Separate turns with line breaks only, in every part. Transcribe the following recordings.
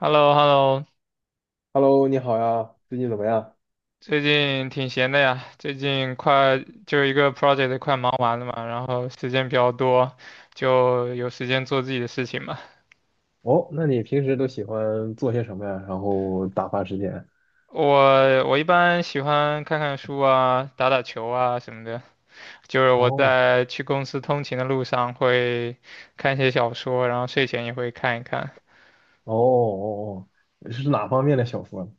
h e l l o h e l l o
Hello，你好呀，最近怎么样？
最近挺闲的呀，最近快就一个 project 快忙完了嘛，然后时间比较多，就有时间做自己的事情嘛。
哦，那你平时都喜欢做些什么呀？然后打发时间？
我一般喜欢看看书啊，打打球啊什么的。就是我
哦
在去公司通勤的路上会看一些小说，然后睡前也会看一看，
哦哦哦，是哪方面的小说呢？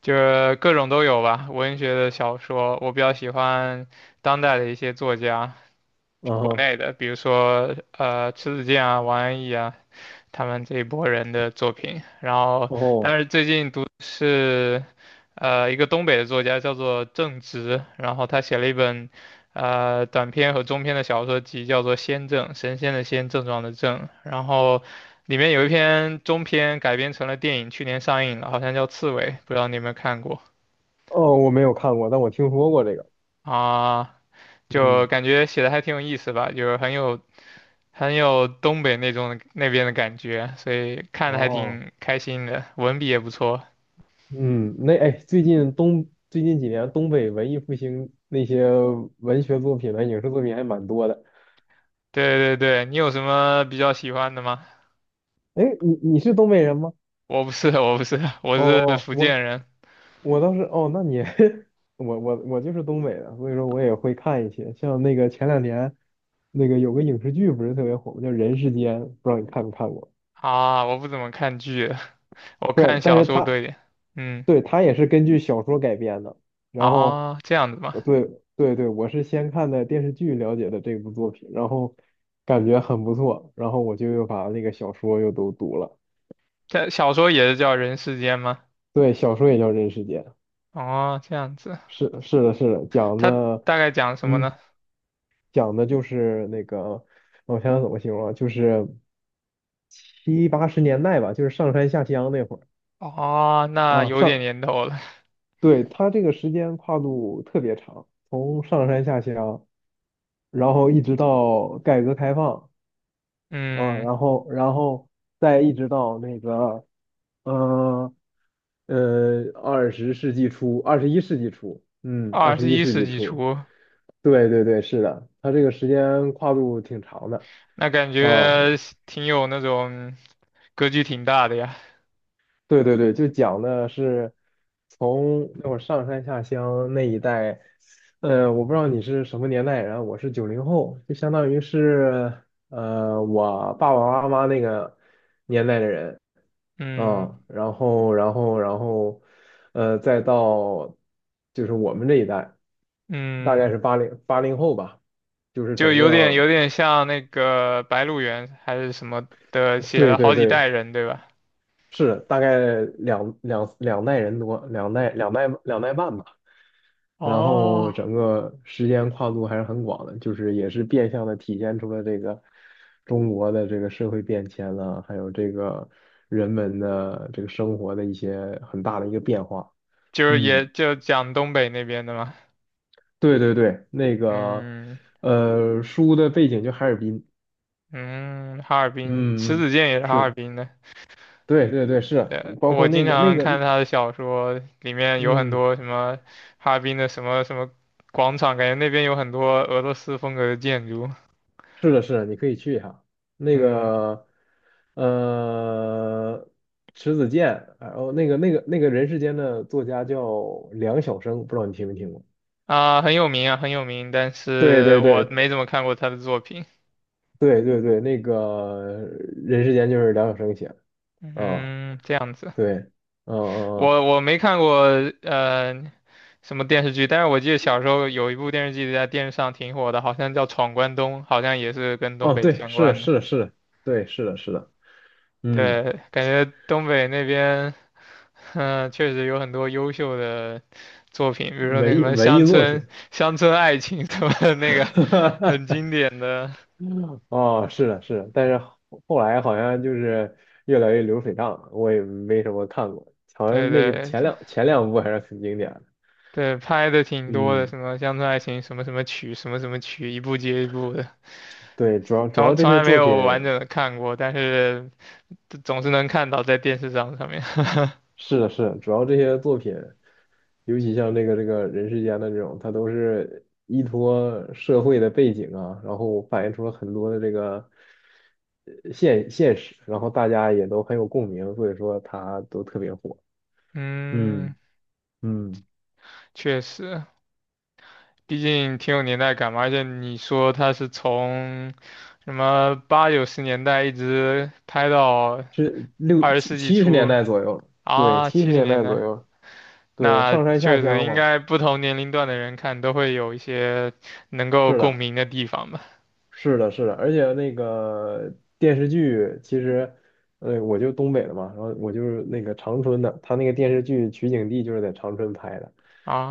就是各种都有吧。文学的小说，我比较喜欢当代的一些作家，
嗯
国
哼。
内的，比如说迟子建啊、王安忆啊。他们这一波人的作品。然后，
哦
但是最近读的是一个东北的作家叫做郑直，然后他写了一本短篇和中篇的小说集，叫做《先正》，神仙的仙，症状的症。然后里面有一篇中篇改编成了电影，去年上映了，好像叫《刺猬》，不知道你有没有看过
哦，我没有看过，但我听说过这个。
啊？就
嗯。
感觉写的还挺有意思吧，就是很有。很有东北那种那边的感觉，所以看的还
哦。
挺开心的，文笔也不错。
嗯，那哎，最近几年东北文艺复兴那些文学作品呢，影视作品还蛮多的。
对对对，你有什么比较喜欢的吗？
哎，你是东北人吗？
我不是，我不是，我
哦
是
哦，
福
我
建人
我倒是哦，那你 我就是东北的，所以说我也会看一些，像那个前两年那个有个影视剧不是特别火吗？叫《人世间》，不知道你看没看过？
啊，我不怎么看剧，我
不是，
看
但
小
是
说多
它
一点。嗯，
对，它也是根据小说改编的。然后，
啊，这样子吗？
对对对，我是先看的电视剧了解的这部作品，然后感觉很不错，然后我就又把那个小说又都读了。
这小说也是叫人世间吗？
对，小说也叫《人世间》。
哦，这样子，
是的，是的，讲
它
的，
大概讲什么呢？
嗯，讲的就是那个，我想想怎么形容啊，就是七八十年代吧，就是上山下乡那会儿
哦，那
啊，
有点年头了。
对，它这个时间跨度特别长，从上山下乡，然后一直到改革开放啊，
嗯，
然后再一直到那个，呃二十世纪初，二十一世纪初，二
二
十
十
一
一
世
世
纪
纪
初，
初，
对对对，是的，它这个时间跨度挺长的
那感
啊。
觉挺有那种格局挺大的呀。
对对对，就讲的是从那会儿上山下乡那一代，我不知道你是什么年代人，我是九零后，就相当于是我爸爸妈妈那个年代的人。
嗯
啊。然后，然后，再到就是我们这一代，大概
嗯，
是八零后吧，就是
就
整
有点
个，
有点像那个《白鹿原》还是什么的，写
对
了
对
好几代
对，
人，对吧？
是大概两代人多，两代半吧。然后
哦，
整个时间跨度还是很广的，就是也是变相的体现出了这个中国的这个社会变迁了，还有这个人们的这个生活的一些很大的一个变化。
就是也
嗯，
就讲东北那边的嘛，
对对对，那个
嗯
书的背景就哈尔滨。
嗯，哈尔滨，迟
嗯嗯，嗯
子建也是哈尔
是，
滨的。
对对对，是，
呃，
包
我
括
经
那个那
常
个，
看
嗯。
他的小说，里面有很
嗯
多什么哈尔滨的什么什么广场，感觉那边有很多俄罗斯风格的建筑。
是的，是的，你可以去一下那
嗯
个，呃，迟子健，然后那个人世间的作家叫梁晓声，不知道你听没听过？
啊，很有名啊，很有名，但
对
是
对
我
对
没怎么看过他的作品。
对对对，那个人世间就是梁晓声写的，啊，
嗯，这样子。
对，嗯嗯嗯。
我没看过呃什么电视剧，但是我记得小时候有一部电视剧在电视上挺火的，好像叫《闯关东》，好像也是跟东
哦，
北
对，
相
是的，
关的。
是的，是的，对，是的，是的，嗯，
对，感觉东北那边，嗯、确实有很多优秀的作品，比如说那什么
文艺
《乡
作
村
品，
乡村爱情》什么的那个很经 典的，
哦，是的，是的，但是后来好像就是越来越流水账了，我也没什么看过，好
对
像那个
对
前两部还是很经典的。
对，拍的挺多的，
嗯，
什么《乡村爱情》什么什么曲，什么什么曲，一部接一部的。
对，主
从
要这
从
些
来没
作品
有完整的看过，但是这总是能看到在电视上上面。
是的，是的，主要这些作品，尤其像那个这个人世间的这种，它都是依托社会的背景啊，然后反映出了很多的这个现实，然后大家也都很有共鸣，所以说它都特别火。
嗯，
嗯嗯。
确实，毕竟挺有年代感嘛。而且你说他是从什么八九十年代一直拍到
是
二十世纪
七十年
初
代左右，对，
啊，
七
七
十
十
年
年
代左
代，
右，对，
那
上山下
确实
乡
应
嘛，
该不同年龄段的人看都会有一些能够
是
共
的，
鸣的地方吧。
是的，是的，而且那个电视剧其实，我就东北的嘛，然后我就是那个长春的，他那个电视剧取景地就是在长春拍的，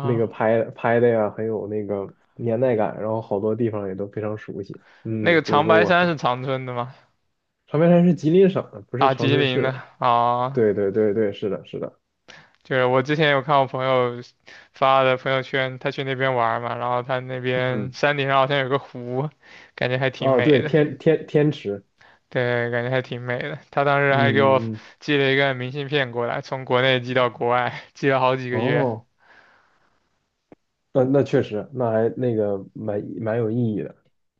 那个拍拍的呀很有那个年代感，然后好多地方也都非常熟悉，
那
嗯，
个
所以
长
说
白
我
山是 长春的吗？
长白山是吉林省的，不是
啊，
长
吉
春
林
市
的
的，
啊，
对对对对，是的，是的，
就是我之前有看我朋友发的朋友圈，他去那边玩嘛，然后他那边
嗯，
山顶上好像有个湖，感觉还挺
啊，
美
对，
的。
天池。
对，感觉还挺美的。他当时还给我
嗯嗯嗯。
寄了一个明信片过来，从国内寄到国外，寄了好几个月。
哦，那那确实，那还那个蛮有意义的。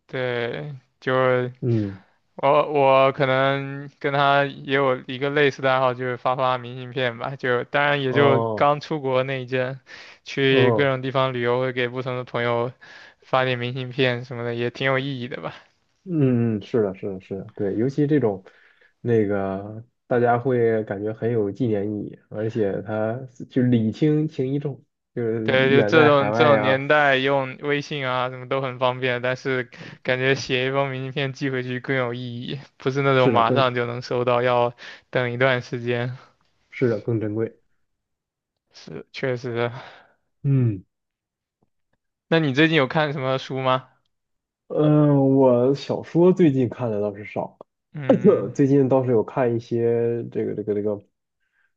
对，就是
嗯，
我可能跟他也有一个类似的爱好，就是发发明信片吧。就当然也就
哦，
刚出国那一阵，去各
哦，
种地方旅游，会给不同的朋友发点明信片什么的，也挺有意义的吧。
嗯嗯，是的，是的，是的，对，尤其这种那个，大家会感觉很有纪念意义，而且它就礼轻情意重，就是
对，就
远
这
在海
种这
外
种
呀，
年代用微信啊，什么都很方便，但是感觉写一封明信片寄回去更有意义，不是那种
是的，
马
更
上就能收到，要等一段时间。
是的更珍贵。
是，确实。
嗯。
那你最近有看什么书吗？
嗯，我小说最近看的倒是少，
嗯，
最近倒是有看一些这个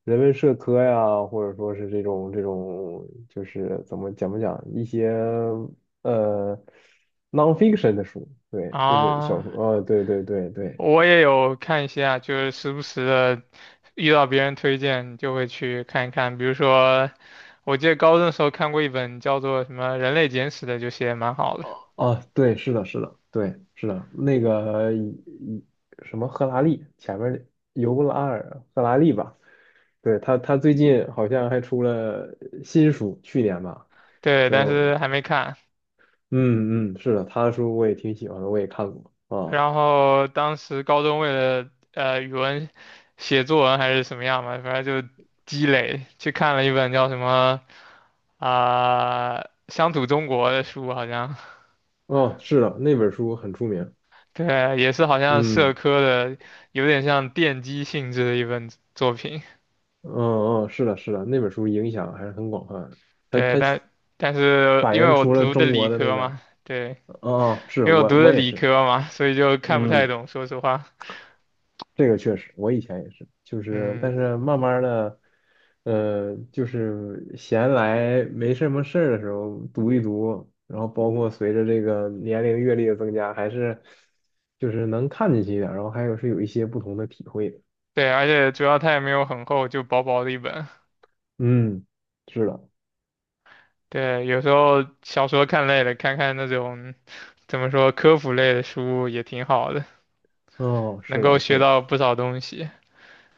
人文社科呀，或者说是这种，就是怎么讲不讲一些呃 nonfiction 的书，对，就是小
啊，
说，对对对对。
我也有看一下，就是时不时的遇到别人推荐就会去看一看。比如说，我记得高中的时候看过一本叫做什么《人类简史》的，就写得蛮好的。
啊，对，是的，是的，对，是的，那个一什么赫拉利前面尤拉尔赫拉利吧，对他最近好像还出了新书，去年吧。
对，但
就。
是还没看。
嗯嗯，是的，他的书我也挺喜欢的，我也看过啊。
然后当时高中为了语文写作文还是什么样嘛，反正就积累，去看了一本叫什么啊、乡土中国》的书，好像
哦，是的，那本书很出名。
对，也是好像社
嗯
科的，有点像奠基性质的一本作品。
嗯嗯，是的，是的，那本书影响还是很广泛的。
对，
它
但是
反
因为
映
我
出了
读的
中国
理
的那
科
个，
嘛，对，
哦，哦是
因为我读的
我也
理
是。
科嘛，所以就看不太
嗯。
懂，说实话，
这个确实，我以前也是，就是但
嗯，
是慢慢的，就是闲来没什么事儿的时候读一读，然后包括随着这个年龄阅历的增加，还是就是能看进去一点儿，然后还有是有一些不同的体会的。
对，而且主要它也没有很厚，就薄薄的一本。
嗯，是的，
对，有时候小说看累了，看看那种怎么说科普类的书也挺好的，
哦，
能
是
够
的，是
学
的，
到不少东西。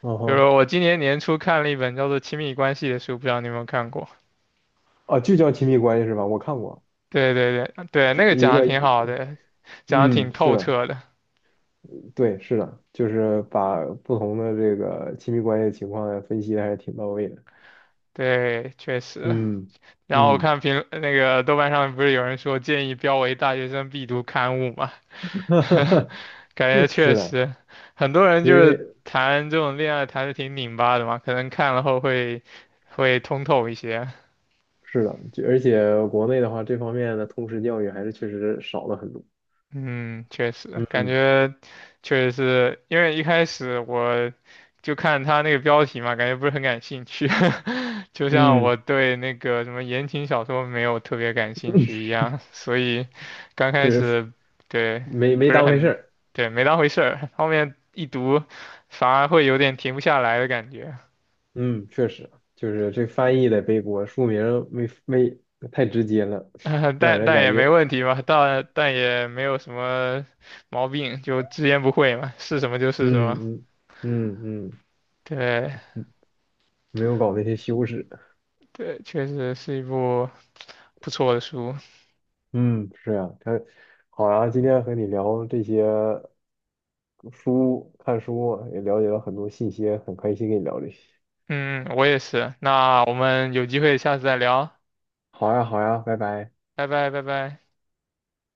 嗯
比如
哼。
说我今年年初看了一本叫做《亲密关系》的书，不知道你有没有看过？
啊，就叫亲密关系是吧？我看过，
对对对对，
就
那个
一
讲的
个，
挺好的，讲的
嗯，
挺
是
透
的，
彻的。
对，是的，就是把不同的这个亲密关系的情况分析的还是挺到位的。
对，确实。
嗯
然后我
嗯。
看评那个豆瓣上不是有人说建议标为大学生必读刊物嘛，感觉 确
是的，
实，很多人
因
就是
为
谈这种恋爱谈的挺拧巴的嘛，可能看了后会通透一些。
是的，就而且国内的话，这方面的通识教育还是确实少了很多。
嗯，确实，感
嗯
觉确实是因为一开始我就看他那个标题嘛，感觉不是很感兴趣，就像
嗯，
我对那个什么言情小说没有特别感兴趣一样，所以刚开
就是
始对
没
不是
当回事
很
儿。
对没当回事儿，后面一读反而会有点停不下来的感觉。
嗯，确实，就是这翻译的背锅，书名没没太直接了，让
但
人
但
感
也没
觉
问题嘛，但也没有什么毛病，就直言不讳嘛，是什么就是什
嗯
么。
嗯嗯嗯，
对
没有搞那些修饰。
对，确实是一部不错的书。
嗯，是呀，他好呀，今天和你聊这些书，看书也了解了很多信息，很开心跟你聊这些。
嗯，我也是。那我们有机会下次再聊，
好呀，好呀，拜拜。
拜拜拜拜。